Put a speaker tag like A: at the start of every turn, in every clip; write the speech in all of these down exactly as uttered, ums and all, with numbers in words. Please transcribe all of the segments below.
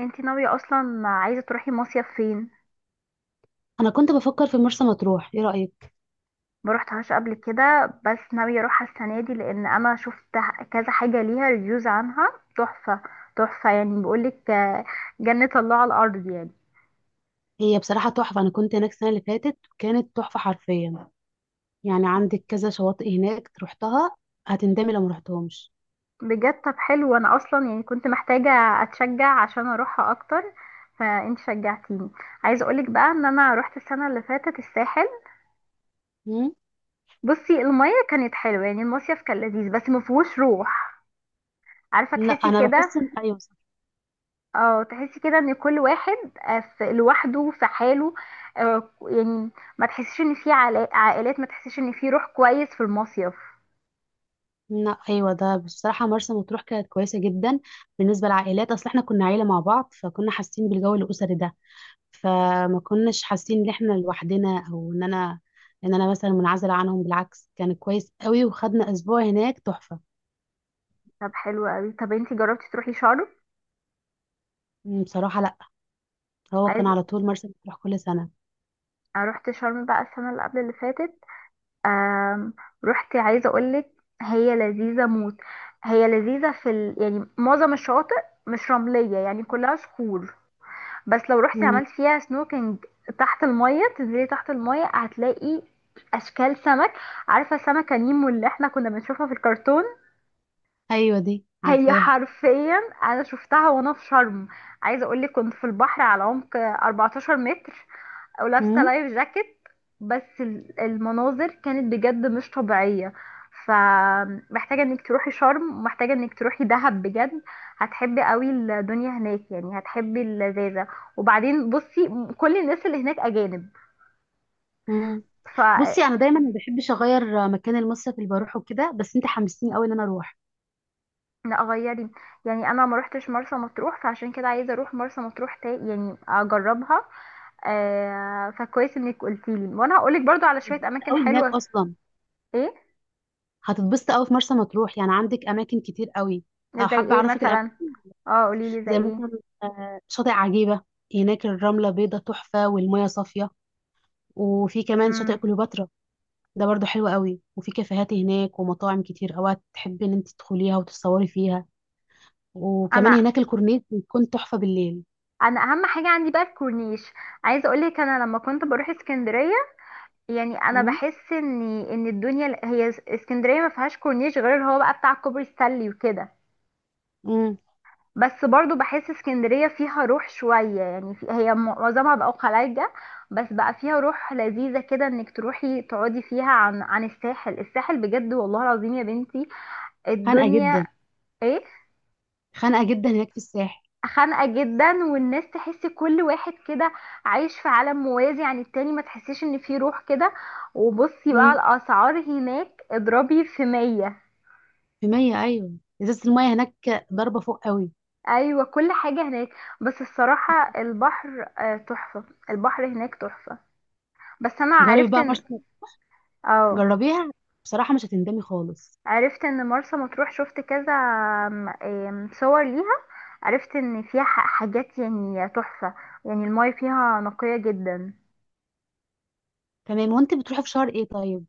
A: انتي ناوية اصلا عايزة تروحي مصيف فين؟
B: انا كنت بفكر في مرسى مطروح، ايه رايك؟
A: ما روحتهاش قبل كده، بس ناوية اروحها السنة دي لان انا شفت كذا حاجة ليها ريفيوز عنها تحفة. تحفة، يعني بقولك، آه، جنة الله على الارض يعني.
B: هي بصراحه تحفه. انا كنت هناك السنه اللي فاتت، كانت تحفه حرفيا. يعني عندك كذا شواطئ هناك رحتها. هتندمي لو ما رحتهمش.
A: بجد؟ طب حلو، انا اصلا يعني كنت محتاجة اتشجع عشان اروحها اكتر، فانت شجعتيني. عايزة اقولك بقى ان انا روحت السنة اللي فاتت الساحل.
B: مم؟
A: بصي، المية كانت حلوة يعني، المصيف كان لذيذ بس مفهوش روح. عارفة
B: لا،
A: تحسي
B: انا
A: كده؟
B: بحس ان ايوه صح.
A: اه تحسي كده ان كل واحد آه، في لوحده، في حاله. آه، يعني ما تحسيش ان في علا- عائلات، ما تحسيش ان في روح كويس في المصيف.
B: لا، ايوه، ده بصراحه مرسى مطروح كانت كويسه جدا. بالنسبه للعائلات، اصل احنا كنا عيله مع بعض فكنا حاسين بالجو الاسري ده. فما كناش حاسين ان احنا لوحدنا او ان انا ان انا مثلا منعزله عنهم. بالعكس كان كويس قوي وخدنا اسبوع هناك تحفه.
A: طب حلو قوي. طب انتي جربتي تروحي شرم؟
B: مم، بصراحه لا. هو
A: عايز
B: كان على طول مرسى مطروح كل سنة.
A: أنا رحت شرم بقى السنه اللي قبل اللي فاتت. آم، رحت، عايزه اقولك هي لذيذه موت. هي لذيذه في ال... يعني معظم الشواطئ مش رمليه يعني، كلها صخور. بس لو رحتي
B: مم.
A: عملت فيها سنوكينج تحت المية، تنزلي تحت المية هتلاقي اشكال سمك. عارفة سمكة نيمو اللي احنا كنا بنشوفها في الكرتون؟
B: أيوة، دي
A: هي
B: عارفاها.
A: حرفيا انا شفتها وانا في شرم. عايزة اقولك كنت في البحر على عمق 14 متر او لابسه
B: مم.
A: لايف جاكيت. بس ال- المناظر كانت بجد مش طبيعيه. فمحتاجه انك تروحي شرم ومحتاجه انك تروحي دهب بجد. هتحبي قوي الدنيا هناك يعني، هتحبي اللذاذه. وبعدين بصي، م- كل الناس اللي هناك اجانب.
B: مم.
A: ف
B: بصي، أنا دايما ما بحبش أغير مكان المصيف اللي بروحه كده، بس أنت حمستيني قوي إن أنا أروح.
A: لا غيري، يعني انا ما روحتش مرسى مطروح، فعشان كده عايزه اروح مرسى مطروح تا يعني اجربها. آه، فكويس انك قلتيلي، وانا هقولك برضو على شويه
B: هتتبسط
A: اماكن
B: قوي هناك
A: حلوه.
B: أصلا.
A: ايه؟
B: هتتبسط قوي في مرسى مطروح، يعني عندك أماكن كتير قوي. أه،
A: زي
B: حابة
A: ايه
B: أعرفك الأماكن.
A: مثلا. اه قوليلي زي
B: زي
A: ايه.
B: مثلا آه، شاطئ عجيبة. هناك الرملة بيضة تحفة والمية صافية. وفي كمان شاطئ
A: مم.
B: كليوباترا. ده برضو حلو قوي، وفي كافيهات هناك ومطاعم كتير أوي تحبي إن أنت تدخليها وتتصوري فيها. وكمان
A: انا
B: هناك الكورنيش بيكون تحفة بالليل.
A: انا اهم حاجه عندي بقى الكورنيش. عايزه اقولك انا لما كنت بروح اسكندريه، يعني انا
B: مم.
A: بحس ان ان الدنيا هي اسكندريه، ما فيهاش كورنيش غير اللي هو بقى بتاع كوبري ستانلي وكده.
B: مم.
A: بس برضو بحس اسكندريه فيها روح شويه يعني، في هي معظمها بقى خلايجه، بس بقى فيها روح لذيذه كده، انك تروحي تقعدي فيها. عن عن الساحل الساحل بجد والله العظيم يا بنتي
B: خانقة
A: الدنيا.
B: جدا.
A: ايه؟
B: خانقة جدا هناك في الساحل.
A: خانقة جدا، والناس تحس كل واحد كده عايش في عالم موازي عن التاني، ما تحسيش ان في روح كده. وبصي بقى،
B: مم.
A: الاسعار هناك اضربي في مية.
B: في مية، أيوة. إزازة المية هناك ضربة فوق قوي.
A: ايوه كل حاجة هناك. بس الصراحة البحر آه، تحفة، البحر هناك تحفة. بس انا
B: جربي
A: عرفت
B: بقى
A: ان
B: مرسى.
A: اه،
B: جربيها. بصراحة مش هتندمي خالص.
A: عرفت ان مرسى مطروح شفت كذا آم، آم، صور ليها. عرفت ان فيها ح- حاجات يعني تحفة، يعني المايه فيها نقية جدا.
B: تمام، وانت بتروحي في شهر ايه طيب؟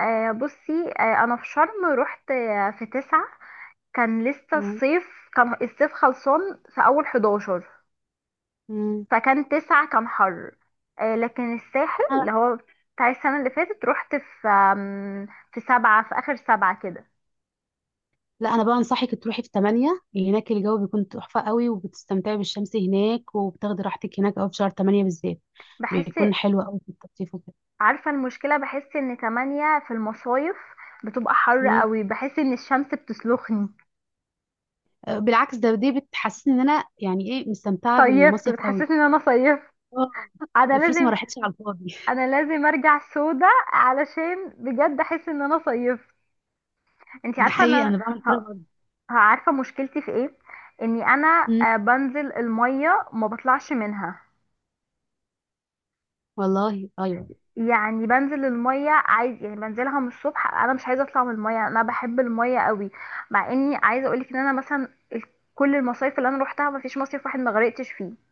A: آه بصي، آه انا في شرم رحت آه في تسعة. كان لسه
B: مم.
A: الصيف، كان الصيف خلصان في اول حداشر،
B: مم.
A: فكان تسعة كان حر. آه لكن الساحل،
B: أنا-
A: اللي هو بتاع السنة اللي فاتت، رحت في آم، في سبعة، في اخر سبعة كده.
B: لا، أنا بقى أنصحك تروحي في تمانية، هناك الجو بيكون تحفة قوي وبتستمتعي بالشمس هناك وبتاخدي راحتك هناك أوي في شهر تمانية بالذات.
A: بحس،
B: بيكون حلو قوي في التخطيف وكده.
A: عارفة المشكلة؟ بحس ان تمانية في المصايف بتبقى حر قوي، بحس ان الشمس بتسلخني.
B: بالعكس ده دي بتحسسني ان انا يعني ايه مستمتعه
A: صيفت،
B: بالمصيف قوي.
A: بتحسسني ان انا صيفت.
B: اه،
A: انا
B: فلوسي ما
A: لازم
B: راحتش على الفاضي.
A: انا لازم ارجع سودا علشان بجد احس ان انا صيفت. انت
B: ده
A: عارفه ان
B: حقيقي،
A: انا،
B: انا بعمل
A: ه-
B: كده برضه.
A: ه- عارفه مشكلتي في ايه؟ اني انا
B: أمم،
A: آه، بنزل الميه ما بطلعش منها.
B: والله ايوه.
A: يعني بنزل الميه عادي، يعني بنزلها من الصبح، انا مش عايزه اطلع من الميه، انا بحب الميه قوي. مع اني عايزه اقولك ان انا مثلا، ال- كل المصايف اللي انا روحتها ما فيش مصيف واحد ما غرقتش فيه.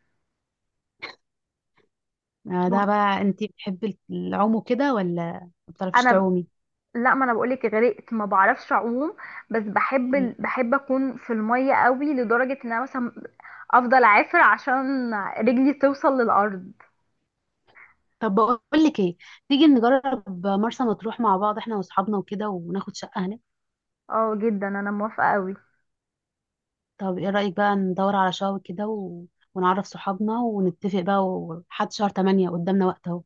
B: آه، ده
A: ما-
B: بقى انت بتحبي العوم وكده ولا ما بتعرفيش
A: انا
B: تعومي؟
A: لا، ما انا بقولك غرقت، ما بعرفش اعوم. بس بحب
B: أمم.
A: ال- بحب اكون في الميه قوي، لدرجه ان انا مثلا افضل اعافر عشان رجلي توصل للارض.
B: طب بقول لك ايه، تيجي نجرب مرسى مطروح مع بعض احنا واصحابنا وكده وناخد شقه هناك.
A: اه جدا، انا موافقة قوي.
B: طب ايه رايك بقى ندور على شقه كده و... ونعرف صحابنا ونتفق بقى، وحد شهر تمانية قدامنا وقت اهو.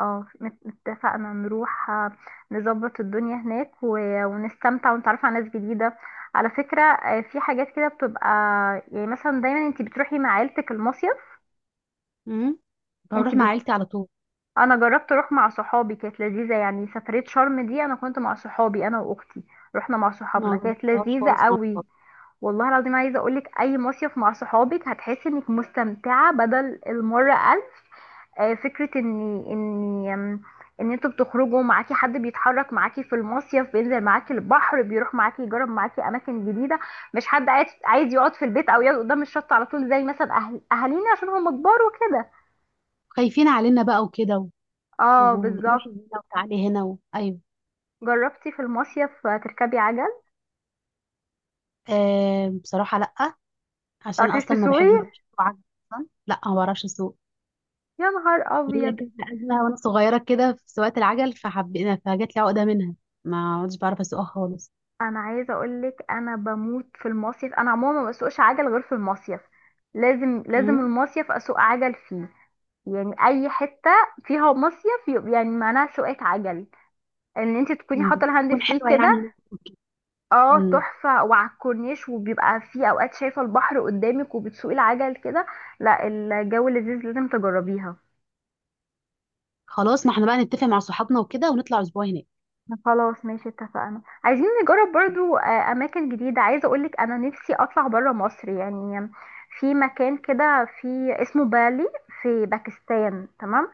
A: اه مت- اتفقنا نروح، آه، نظبط الدنيا هناك و- ونستمتع ونتعرف على ناس جديدة. على فكرة، آه، في حاجات كده بتبقى يعني، مثلا دايما انتي بتروحي مع عيلتك المصيف.
B: أمم.
A: انتي
B: هروح مع
A: بت...
B: عيلتي على طول.
A: انا جربت اروح مع صحابي، كانت لذيذة يعني، سفرية شرم دي انا كنت مع صحابي انا واختي، رحنا مع
B: ما
A: صحابنا كانت
B: جربتهاش
A: لذيذة
B: خالص.
A: قوي. والله العظيم عايزة اقولك، اي مصيف مع صحابك هتحسي انك مستمتعة بدل المرة ألف. آه، فكرة ان ان آم، ان انتوا بتخرجوا، معاكي حد بيتحرك معاكي في المصيف، بينزل معاكي البحر، بيروح معاكي، يجرب معاكي اماكن جديدة، مش حد قاعد عايز يقعد في البيت او يقعد قدام الشط على طول، زي مثلا اهل اهالينا عشان هم كبار وكده.
B: خايفين علينا بقى وكده و-
A: اه
B: وروحي
A: بالظبط.
B: هنا وتعالي هنا و... ايوه.
A: جربتي في المصيف تركبي عجل؟
B: آه، بصراحه لا. عشان
A: متعرفيش
B: اصلا ما
A: تسوقي؟
B: بحب ما بعرفش اسوق عجل. اصلا لا، ما بعرفش اسوق.
A: يا نهار
B: ليا
A: ابيض.
B: كذا ازمه وانا صغيره كده في سواقه العجل، فحبينا فجات لي عقده منها. ما عدتش بعرف اسوقها خالص.
A: انا عايزه اقولك، انا بموت في المصيف، انا عموما ما بسوقش عجل غير في المصيف. لازم لازم
B: امم.
A: المصيف اسوق عجل فيه. يعني اي حته فيها مصيف يبقى يعني معناها سواقه عجل، ان انت تكوني
B: أمم.
A: حاطه الهاند
B: تكون
A: فري
B: حلوه
A: كده.
B: يعني هناك وكده.
A: اه
B: أمم.
A: تحفه، وعلى الكورنيش وبيبقى في اوقات شايفه البحر قدامك وبتسوقي العجل كده. لا الجو لذيذ، لازم تجربيها.
B: خلاص، ما احنا بقى نتفق مع صحابنا وكده ونطلع اسبوع هناك.
A: خلاص ماشي، اتفقنا. عايزين نجرب برضو آه، اماكن جديده. عايزه اقولك، انا نفسي اطلع برا مصر يعني، في مكان كده في، اسمه بالي في باكستان. تمام،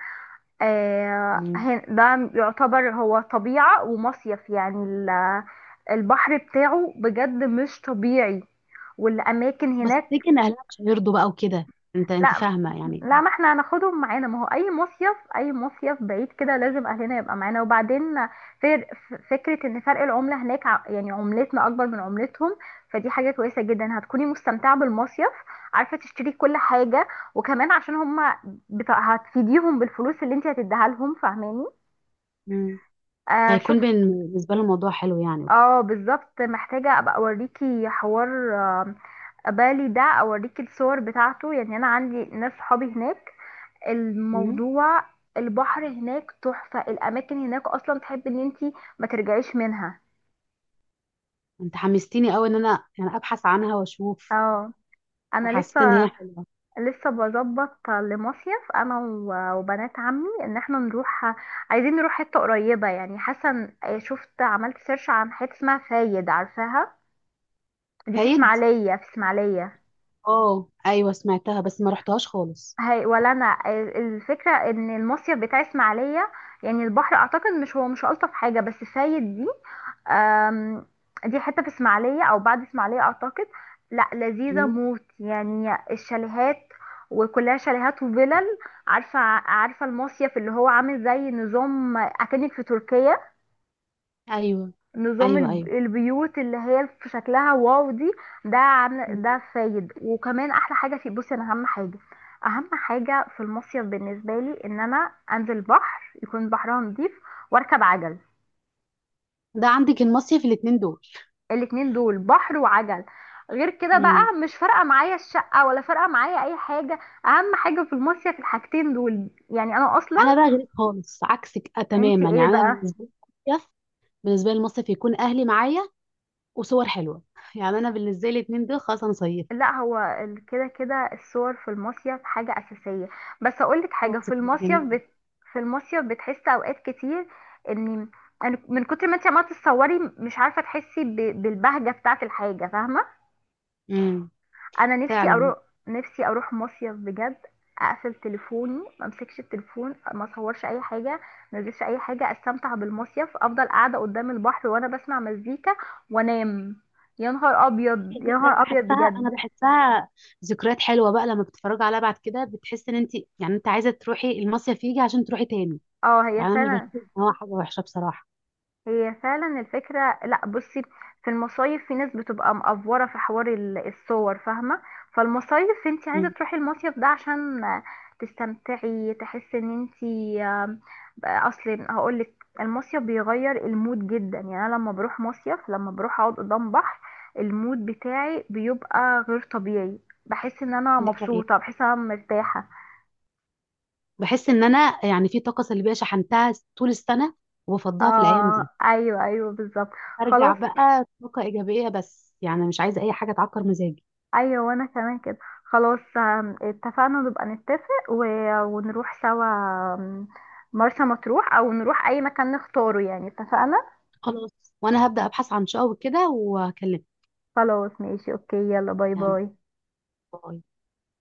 A: آه،
B: أمم.
A: هن- ده يعتبر هو طبيعة ومصيف يعني، ال- البحر بتاعه بجد مش طبيعي، والأماكن
B: بس
A: هناك.
B: افتكر ان اهلها مش هيرضوا بقى وكده. انت انت
A: لا،
B: فاهمه يعني.
A: لا ما احنا هناخدهم معانا، ما هو أي مصيف، أي مصيف بعيد كده لازم أهلنا يبقى معانا. وبعدين فر- ف- فكرة إن فرق العملة هناك، ع- يعني عملتنا أكبر من عملتهم، فدي حاجة كويسة جدا، هتكوني مستمتعة بالمصيف، عارفة تشتري كل حاجة. وكمان عشان هما بتا- هتفيديهم بالفلوس اللي انت هتديها لهم، فاهماني؟
B: أمم.
A: آه
B: هيكون بين-
A: شفت.
B: بالنسبه لهم الموضوع حلو يعني وكده.
A: اه بالظبط، محتاجة ابقى اوريكي حوار. آه، بالي ده اوريكي الصور بتاعته يعني، انا عندي ناس صحابي هناك،
B: مم.
A: الموضوع، البحر هناك تحفة، الاماكن هناك اصلا تحب ان انتي ما ترجعيش منها.
B: انت حمستيني قوي ان انا يعني ابحث عنها واشوف.
A: اه، انا
B: وحسيت ان هي
A: لسه،
B: حلوه.
A: لسه بظبط لمصيف انا و- وبنات عمي، ان احنا نروح. عايزين نروح حتة قريبة يعني، حاسة إن- شفت عملت سيرش عن حتة اسمها فايد، عارفاها؟ دي في
B: كايد.
A: اسماعيلية، في اسماعيلية.
B: اه، ايوه، سمعتها بس ما رحتهاش خالص.
A: هي ولا انا، ال- الفكره ان المصيف بتاع اسماعيليه، يعني البحر اعتقد، مش هو مش الطف حاجه، بس فايد دي آم، دي حته في اسماعيليه او بعد اسماعيليه اعتقد. لا لذيذه
B: مم.
A: موت يعني، الشاليهات، وكلها شاليهات وفلل. عارفه عارفه المصيف اللي هو عامل زي نظام اكنك في تركيا؟
B: ايوه،
A: نظام
B: ايوه،
A: الب-
B: ايوه.
A: البيوت اللي هي في شكلها واو دي. ده
B: مم.
A: عن ده فايد، وكمان احلى حاجه في، بصي انا اهم حاجه، اهم حاجه في المصيف بالنسبه لي، ان انا انزل بحر يكون بحرها نضيف واركب عجل.
B: ده عندك المصيف الاتنين دول.
A: الاتنين دول، بحر وعجل. غير كده
B: مم.
A: بقى مش فارقه معايا الشقه، ولا فارقه معايا اي حاجه، اهم حاجه في المصيف الحاجتين دول. يعني انا اصلا،
B: انا بقى غيرك خالص، عكسك آه
A: انت
B: تماما،
A: ايه
B: يعني انا
A: بقى؟
B: بالنسبه لي المصيف، بالنسبه لي المصيف يكون اهلي معايا. وصور حلوه يعني انا بالنسبه لي الاتنين دول خلاص انا صيفت.
A: لا هو ال- كده كده الصور في المصيف حاجة أساسية. بس أقولك
B: اه،
A: حاجة، في
B: ذكريات
A: المصيف
B: جميله.
A: بت... في المصيف بتحس أوقات كتير إن، أنا من كتر ما انت عمالة تتصوري مش عارفة تحسي ب... بالبهجة بتاعة الحاجة، فاهمة؟
B: امم
A: أنا نفسي
B: فعلا.
A: أروح، نفسي أروح مصيف بجد، أقفل تليفوني ما أمسكش التليفون، ما أصورش أي حاجة، ما أنزلش أي حاجة، أستمتع بالمصيف، أفضل قاعدة قدام البحر وأنا بسمع مزيكا وأنام. يا نهار أبيض،
B: إيه،
A: يا
B: ليه ده انا
A: نهار أبيض
B: بحسها انا
A: بجد.
B: بحسها ذكريات حلوه بقى، لما بتتفرجي عليها بعد كده بتحس ان انت يعني انت عايزه تروحي المصيف يجي عشان تروحي تاني.
A: اه هي
B: يعني انا مش
A: فعلا،
B: بشوف ان هو حاجه وحشه بصراحه.
A: هي فعلا الفكرة. لا بصي، في المصايف في ناس بتبقى مقفورة في حوار ال- الصور، فاهمة؟ فالمصايف انت عايزة
B: امم.
A: تروحي المصيف ده عشان تستمتعي، تحسي ان انت، آم، اصل هقولك، المصيف بيغير المود جدا يعني، انا لما بروح مصيف، لما بروح اقعد قدام بحر، المود بتاعي بيبقى غير طبيعي، بحس ان انا
B: دي حقيقة.
A: مبسوطة، بحس ان انا مرتاحة.
B: بحس ان انا يعني في طاقه سلبيه شحنتها طول السنه وبفضها في الايام
A: اه
B: دي.
A: ايوه، ايوه بالظبط.
B: ارجع
A: خلاص،
B: بقى طاقه ايجابيه، بس يعني مش عايزه اي حاجه تعكر مزاجي.
A: ايوه وانا كمان كده. خلاص، آم، اتفقنا، نبقى نتفق و... ونروح سوا، آم، مرسى مطروح، او نروح اي مكان نختاره يعني. اتفقنا.
B: خلاص، وانا هبدا ابحث عن شقق وكده وهكلمك.
A: خلاص ماشي، اوكي، يلا باي
B: يعني
A: باي.
B: باي.